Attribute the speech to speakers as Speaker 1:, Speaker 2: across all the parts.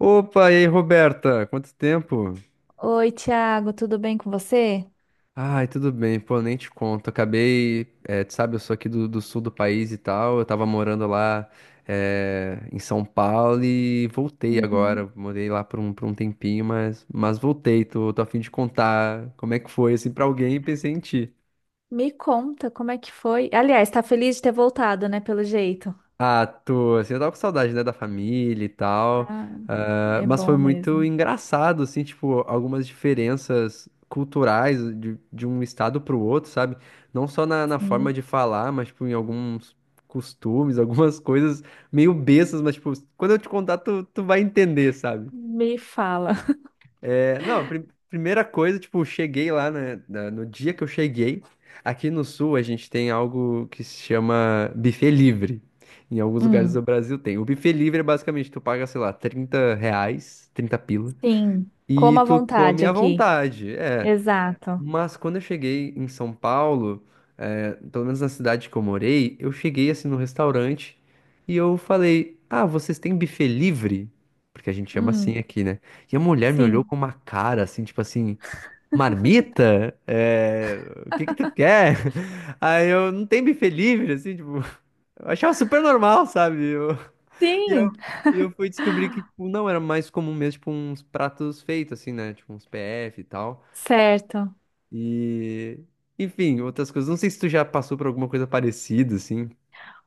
Speaker 1: Opa, e aí, Roberta? Quanto tempo?
Speaker 2: Oi, Thiago, tudo bem com você?
Speaker 1: Ai, tudo bem, pô, nem te conto. Acabei, tu sabe, eu sou aqui do sul do país e tal. Eu tava morando lá, em São Paulo e voltei
Speaker 2: Uhum.
Speaker 1: agora. Morei lá por um tempinho, mas voltei. Tô a fim de contar como é que foi, assim, pra alguém e pensei em ti.
Speaker 2: Me conta como é que foi. Aliás, tá feliz de ter voltado, né? Pelo jeito.
Speaker 1: Ah, tô, assim, eu tava com saudade, né, da família e tal,
Speaker 2: Ah,
Speaker 1: ah,
Speaker 2: É
Speaker 1: mas
Speaker 2: bom
Speaker 1: foi muito
Speaker 2: mesmo.
Speaker 1: engraçado, assim, tipo, algumas diferenças culturais de um estado pro outro, sabe? Não só na forma
Speaker 2: Sim.
Speaker 1: de falar, mas, tipo, em alguns costumes, algumas coisas meio bestas, mas, tipo, quando eu te contar, tu vai entender, sabe?
Speaker 2: Me fala.
Speaker 1: É, não, primeira coisa, tipo, cheguei lá, né, no dia que eu cheguei, aqui no Sul a gente tem algo que se chama buffet livre. Em alguns lugares do
Speaker 2: Hum,
Speaker 1: Brasil tem. O buffet livre é basicamente, tu paga, sei lá, 30 reais, 30 pila,
Speaker 2: sim.
Speaker 1: e
Speaker 2: Coma à
Speaker 1: tu
Speaker 2: vontade
Speaker 1: come à
Speaker 2: aqui.
Speaker 1: vontade. É,
Speaker 2: Exato.
Speaker 1: mas quando eu cheguei em São Paulo, pelo menos na cidade que eu morei, eu cheguei assim no restaurante e eu falei: Ah, vocês têm buffet livre? Porque a gente chama assim
Speaker 2: Hum,
Speaker 1: aqui, né? E a mulher me olhou
Speaker 2: sim.
Speaker 1: com uma cara assim, tipo assim: Marmita? O que que tu quer? Aí eu não tem buffet livre, assim, tipo, eu achava super normal, sabe? E eu,
Speaker 2: Sim,
Speaker 1: e eu fui descobrir que, tipo, não, era mais comum mesmo, tipo, uns pratos feitos, assim, né? Tipo, uns PF e tal.
Speaker 2: certo.
Speaker 1: E, enfim, outras coisas. Não sei se tu já passou por alguma coisa parecida, assim.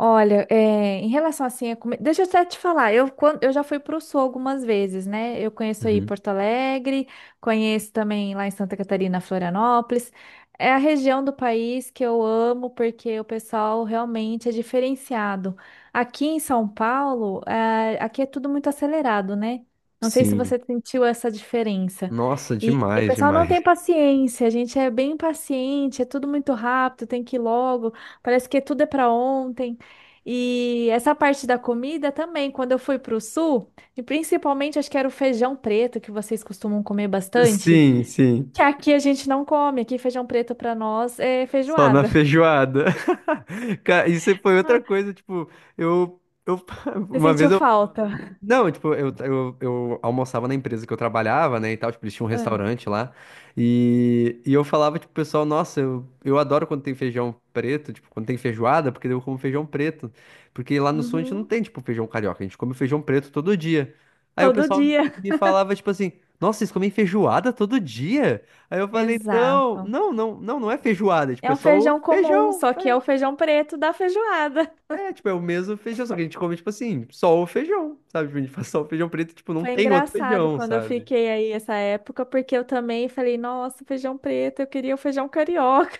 Speaker 2: Olha, é, em relação assim, deixa eu até te falar, eu já fui para o Sul algumas vezes, né? Eu conheço aí
Speaker 1: Uhum.
Speaker 2: Porto Alegre, conheço também lá em Santa Catarina, Florianópolis. É a região do país que eu amo porque o pessoal realmente é diferenciado. Aqui em São Paulo, é, aqui é tudo muito acelerado, né? Não sei se
Speaker 1: Sim.
Speaker 2: você sentiu essa diferença.
Speaker 1: Nossa,
Speaker 2: E o
Speaker 1: demais,
Speaker 2: pessoal não
Speaker 1: demais.
Speaker 2: tem paciência, a gente é bem impaciente, é tudo muito rápido, tem que ir logo, parece que tudo é para ontem. E essa parte da comida também, quando eu fui para o sul, e principalmente acho que era o feijão preto que vocês costumam comer bastante,
Speaker 1: Sim, sim.
Speaker 2: que aqui a gente não come, aqui feijão preto para nós é
Speaker 1: Só na
Speaker 2: feijoada.
Speaker 1: feijoada. Cara, isso foi outra
Speaker 2: Ah,
Speaker 1: coisa, tipo, eu, eu
Speaker 2: Você
Speaker 1: uma vez.
Speaker 2: sentiu falta?
Speaker 1: Não, tipo, eu almoçava na empresa que eu trabalhava, né, e tal, tipo, eles tinham um
Speaker 2: Ah,
Speaker 1: restaurante lá, e eu falava, tipo, pro pessoal, nossa, eu adoro quando tem feijão preto, tipo, quando tem feijoada, porque daí eu como feijão preto, porque lá no sul a gente não
Speaker 2: uhum,
Speaker 1: tem, tipo, feijão carioca, a gente come feijão preto todo dia. Aí o
Speaker 2: Todo
Speaker 1: pessoal
Speaker 2: dia.
Speaker 1: me falava, tipo assim, nossa, vocês comem feijoada todo dia? Aí eu falei, não,
Speaker 2: Exato.
Speaker 1: não, não, não, não é feijoada, tipo,
Speaker 2: É
Speaker 1: é
Speaker 2: um
Speaker 1: só o
Speaker 2: feijão comum,
Speaker 1: feijão,
Speaker 2: só que é o
Speaker 1: é."
Speaker 2: feijão preto da feijoada.
Speaker 1: É, tipo, é o mesmo feijão, só que a gente come, tipo assim, só o feijão, sabe? Tipo, a gente faz só o feijão preto, tipo, não
Speaker 2: Foi
Speaker 1: tem outro
Speaker 2: engraçado
Speaker 1: feijão,
Speaker 2: quando eu
Speaker 1: sabe?
Speaker 2: fiquei aí essa época, porque eu também falei, nossa, feijão preto, eu queria o feijão carioca.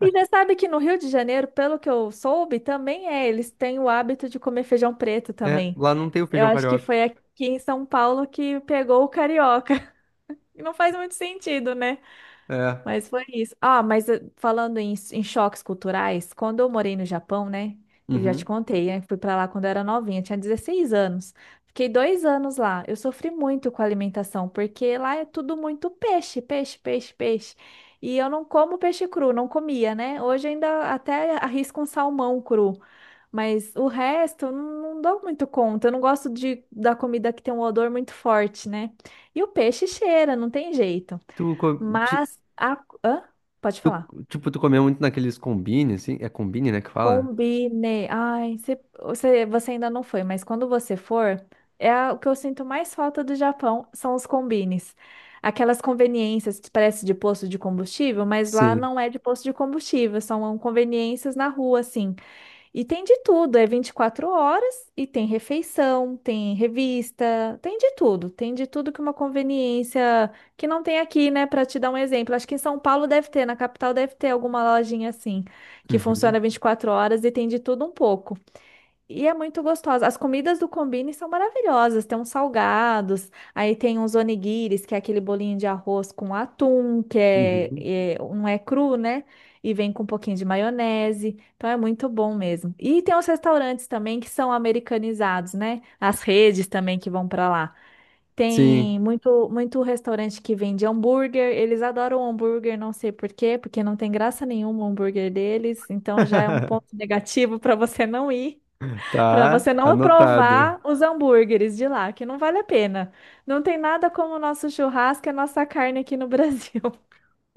Speaker 2: E já sabe que no Rio de Janeiro, pelo que eu soube, também é, eles têm o hábito de comer feijão preto
Speaker 1: É,
Speaker 2: também.
Speaker 1: lá não tem o
Speaker 2: Eu
Speaker 1: feijão
Speaker 2: acho que
Speaker 1: carioca.
Speaker 2: foi aqui em São Paulo que pegou o carioca. E não faz muito sentido, né?
Speaker 1: É.
Speaker 2: Mas foi isso. Falando em choques culturais, quando eu morei no Japão, né? Eu já te
Speaker 1: Uhum.
Speaker 2: contei, né? Fui pra lá quando eu era novinha, tinha 16 anos. Fiquei 2 anos lá. Eu sofri muito com a alimentação, porque lá é tudo muito peixe, peixe, peixe, peixe. E eu não como peixe cru, não comia, né? Hoje ainda até arrisco um salmão cru, mas o resto eu não dou muito conta. Eu não gosto de, da comida que tem um odor muito forte, né? E o peixe cheira, não tem jeito.
Speaker 1: Tu, co- ti-
Speaker 2: Mas a... Hã? Pode
Speaker 1: tu-
Speaker 2: falar.
Speaker 1: Tipo, tu comeu muito naqueles combine, assim? É combine, né, que fala?
Speaker 2: Combinei. Você, você ainda não foi, mas quando você for, o que eu sinto mais falta do Japão são os combines. Aquelas conveniências que parece de posto de combustível, mas lá
Speaker 1: Sim.
Speaker 2: não é de posto de combustível, são conveniências na rua, assim. E tem de tudo, é 24 horas e tem refeição, tem revista, tem de tudo que uma conveniência que não tem aqui, né? Para te dar um exemplo, acho que em São Paulo deve ter, na capital deve ter alguma lojinha assim, que
Speaker 1: Uhum.
Speaker 2: funciona 24 horas e tem de tudo um pouco. E é muito gostosa. As comidas do Combini são maravilhosas. Tem uns salgados, aí tem uns onigiris, que é aquele bolinho de arroz com atum, que é,
Speaker 1: Uhum.
Speaker 2: é- não é cru, né? E vem com um pouquinho de maionese. Então é muito bom mesmo. E tem os restaurantes também que são americanizados, né? As redes também que vão para lá.
Speaker 1: Sim.
Speaker 2: Tem muito restaurante que vende hambúrguer. Eles adoram hambúrguer, não sei por quê, porque não tem graça nenhuma o hambúrguer deles. Então já é um ponto negativo para você não ir. Para
Speaker 1: Tá,
Speaker 2: você não
Speaker 1: anotado.
Speaker 2: provar os hambúrgueres de lá, que não vale a pena. Não tem nada como o nosso churrasco e a nossa carne aqui no Brasil.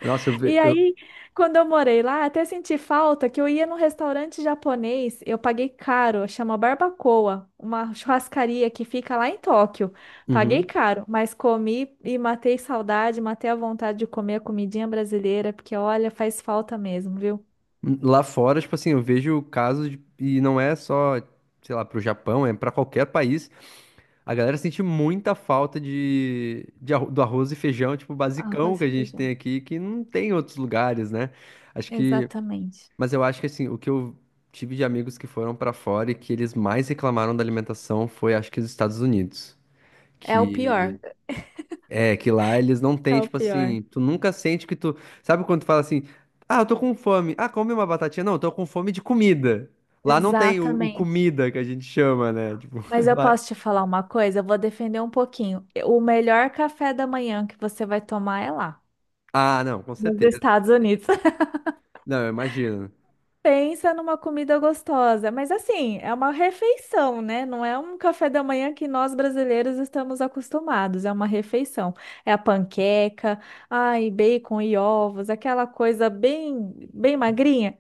Speaker 1: Nossa, eu
Speaker 2: E
Speaker 1: vejo. Eu...
Speaker 2: aí, quando eu morei lá, até senti falta que eu ia num restaurante japonês, eu paguei caro, chama Barbacoa, uma churrascaria que fica lá em Tóquio. Paguei
Speaker 1: Uhum.
Speaker 2: caro, mas comi e matei saudade, matei a vontade de comer a comidinha brasileira, porque olha, faz falta mesmo, viu?
Speaker 1: Lá fora, tipo assim, eu vejo casos de... E não é só, sei lá, pro Japão, é pra qualquer país. A galera sente muita falta de, do arroz e feijão, tipo, basicão
Speaker 2: Arroz
Speaker 1: que
Speaker 2: e
Speaker 1: a gente
Speaker 2: feijão.
Speaker 1: tem aqui, que não tem em outros lugares, né? Acho que.
Speaker 2: Exatamente.
Speaker 1: Mas eu acho que, assim, o que eu tive de amigos que foram pra fora e que eles mais reclamaram da alimentação foi, acho que, os Estados Unidos.
Speaker 2: É o pior.
Speaker 1: Que. É, que lá eles não
Speaker 2: É
Speaker 1: têm,
Speaker 2: o
Speaker 1: tipo
Speaker 2: pior.
Speaker 1: assim. Tu nunca sente que tu. Sabe quando tu fala assim. Ah, eu tô com fome. Ah, come uma batatinha. Não, eu tô com fome de comida. Lá não tem o
Speaker 2: Exatamente.
Speaker 1: comida que a gente chama, né? Tipo,
Speaker 2: Mas eu
Speaker 1: lá.
Speaker 2: posso te falar uma coisa? Eu vou defender um pouquinho. O melhor café da manhã que você vai tomar é lá,
Speaker 1: Ah, não, com
Speaker 2: nos
Speaker 1: certeza.
Speaker 2: Estados Unidos.
Speaker 1: Não, eu imagino.
Speaker 2: Pensa numa comida gostosa, mas assim, é uma refeição, né? Não é um café da manhã que nós brasileiros estamos acostumados, é uma refeição. É a panqueca, ai, bacon e ovos, aquela coisa bem magrinha.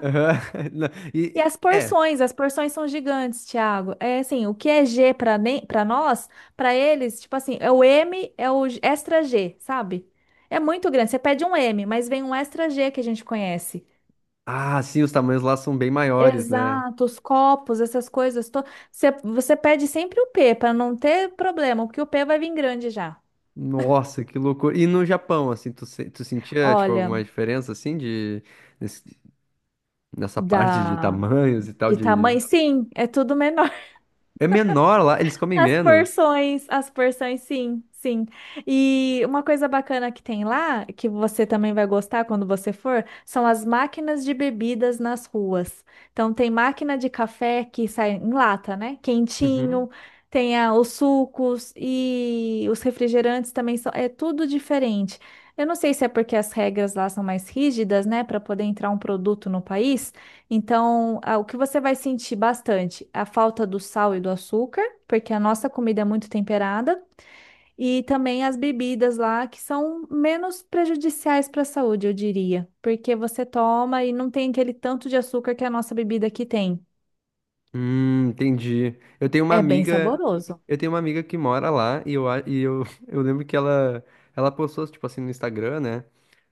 Speaker 1: Aham. Não,
Speaker 2: E
Speaker 1: É.
Speaker 2: as porções são gigantes, Thiago. É assim, o que é G para nem para nós, para eles, tipo assim, é o M, é o extra G, sabe? É muito grande. Você pede um M, mas vem um extra G que a gente conhece.
Speaker 1: Ah, sim, os tamanhos lá são bem maiores, né?
Speaker 2: Exato, os copos, essas coisas. Você pede sempre o P para não ter problema, porque o P vai vir grande já.
Speaker 1: Nossa, que loucura. E no Japão, assim, tu, se- tu sentia, tipo,
Speaker 2: Olha,
Speaker 1: alguma diferença, assim, de... nesse- nessa parte de
Speaker 2: da
Speaker 1: tamanhos e tal,
Speaker 2: de
Speaker 1: de...
Speaker 2: tamanho, sim, é tudo menor.
Speaker 1: É menor lá, eles comem menos.
Speaker 2: As porções, sim. E uma coisa bacana que tem lá, que você também vai gostar quando você for, são as máquinas de bebidas nas ruas. Então tem máquina de café que sai em lata, né?
Speaker 1: Uhum.
Speaker 2: Quentinho, os sucos e os refrigerantes também são, é tudo diferente. Eu não sei se é porque as regras lá são mais rígidas, né, para poder entrar um produto no país. Então, ah, o que você vai sentir bastante? A falta do sal e do açúcar porque a nossa comida é muito temperada, e também as bebidas lá que são menos prejudiciais para a saúde, eu diria, porque você toma e não tem aquele tanto de açúcar que a nossa bebida aqui tem.
Speaker 1: Entendi. Eu tenho uma
Speaker 2: É bem
Speaker 1: amiga,
Speaker 2: saboroso.
Speaker 1: eu tenho uma amiga que mora lá e eu, eu lembro que ela postou, tipo assim, no Instagram, né?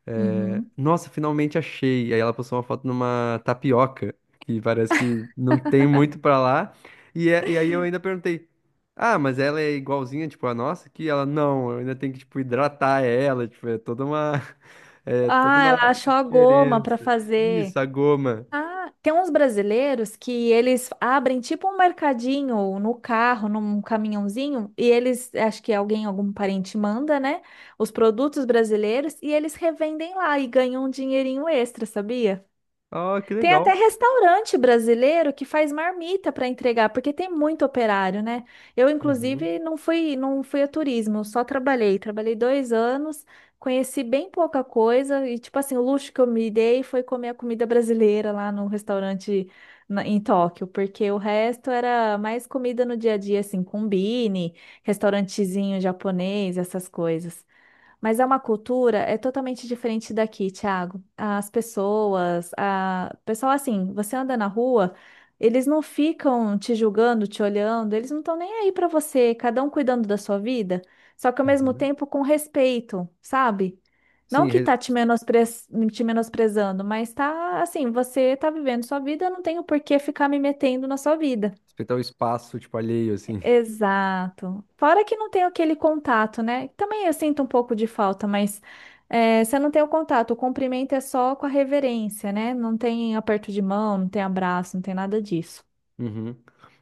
Speaker 1: É,
Speaker 2: Uhum.
Speaker 1: nossa, finalmente achei. Aí ela postou uma foto numa tapioca, que parece que não tem muito pra lá. E aí eu ainda perguntei: Ah, mas ela é igualzinha, tipo, a nossa? Que ela, não, eu ainda tenho que, tipo, hidratar ela, tipo, é toda uma, é toda
Speaker 2: Ah,
Speaker 1: uma
Speaker 2: ela achou a goma para
Speaker 1: diferença. Isso,
Speaker 2: fazer.
Speaker 1: a goma.
Speaker 2: Ah, tem uns brasileiros que eles abrem tipo um mercadinho no carro, num caminhãozinho, e eles, acho que alguém, algum parente manda, né? Os produtos brasileiros e eles revendem lá e ganham um dinheirinho extra, sabia?
Speaker 1: Ah, que
Speaker 2: Tem
Speaker 1: legal.
Speaker 2: até restaurante brasileiro que faz marmita para entregar, porque tem muito operário, né? Eu,
Speaker 1: Uhum,
Speaker 2: inclusive, não fui a turismo, só trabalhei. Trabalhei 2 anos, conheci bem pouca coisa, e, tipo assim, o luxo que eu me dei foi comer a comida brasileira lá no restaurante em Tóquio, porque o resto era mais comida no dia a dia, assim, combine, restaurantezinho japonês, essas coisas. Mas é uma cultura, é totalmente diferente daqui, Thiago. Pessoal, assim, você anda na rua, eles não ficam te julgando, te olhando, eles não estão nem aí pra você, cada um cuidando da sua vida, só que ao mesmo
Speaker 1: uhum.
Speaker 2: tempo com respeito, sabe? Não
Speaker 1: Sim,
Speaker 2: que
Speaker 1: re-
Speaker 2: tá te menospre... te menosprezando, mas tá assim, você tá vivendo sua vida, eu não tenho por que ficar me metendo na sua vida.
Speaker 1: respeitar o espaço, tipo, alheio, assim.
Speaker 2: Exato. Fora que não tem aquele contato, né? Também eu sinto um pouco de falta, mas é, você não tem o contato. O cumprimento é só com a reverência, né? Não tem aperto de mão, não tem abraço, não tem nada disso.
Speaker 1: Uhum.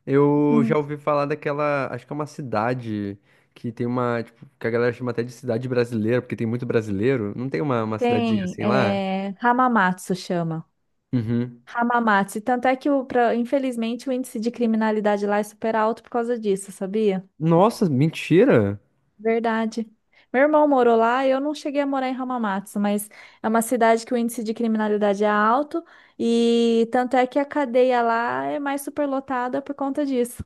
Speaker 1: Eu já
Speaker 2: Uhum.
Speaker 1: ouvi falar daquela, acho que é uma cidade que tem uma, tipo, que a galera chama até de cidade brasileira, porque tem muito brasileiro. Não tem uma cidadezinha
Speaker 2: Tem,
Speaker 1: assim lá?
Speaker 2: é, Hamamatsu chama.
Speaker 1: Uhum.
Speaker 2: Hamamatsu. E Tanto é que, o, pra- infelizmente, o índice de criminalidade lá é super alto por causa disso, sabia?
Speaker 1: Nossa, mentira!
Speaker 2: Verdade. Meu irmão morou lá, eu não cheguei a morar em Hamamatsu, mas é uma cidade que o índice de criminalidade é alto e tanto é que a cadeia lá é mais superlotada por conta disso.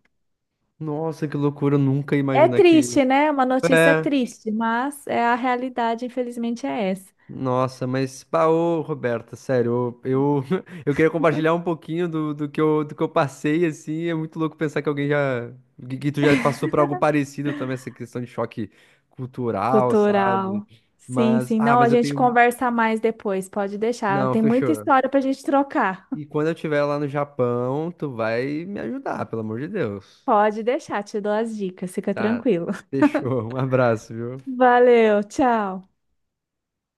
Speaker 1: Nossa, que loucura, eu nunca ia
Speaker 2: É
Speaker 1: imaginar que.
Speaker 2: triste, né? Uma notícia
Speaker 1: É.
Speaker 2: triste, mas é a realidade, infelizmente, é essa.
Speaker 1: Nossa, mas, pá, ô, Roberta, sério, eu, eu queria compartilhar um pouquinho do que eu passei, assim, é muito louco pensar que alguém já, que tu já passou por algo parecido também, essa questão de choque cultural, sabe?
Speaker 2: Cultural. Sim,
Speaker 1: Mas,
Speaker 2: sim.
Speaker 1: ah,
Speaker 2: Não, a
Speaker 1: mas eu
Speaker 2: gente
Speaker 1: tenho,
Speaker 2: conversa mais depois, pode deixar.
Speaker 1: não,
Speaker 2: Tem muita
Speaker 1: fechou.
Speaker 2: história pra gente trocar.
Speaker 1: E quando eu estiver lá no Japão, tu vai me ajudar, pelo amor de Deus.
Speaker 2: Pode deixar, te dou as dicas, fica
Speaker 1: Tá,
Speaker 2: tranquilo.
Speaker 1: fechou, um abraço, viu?
Speaker 2: Valeu, tchau.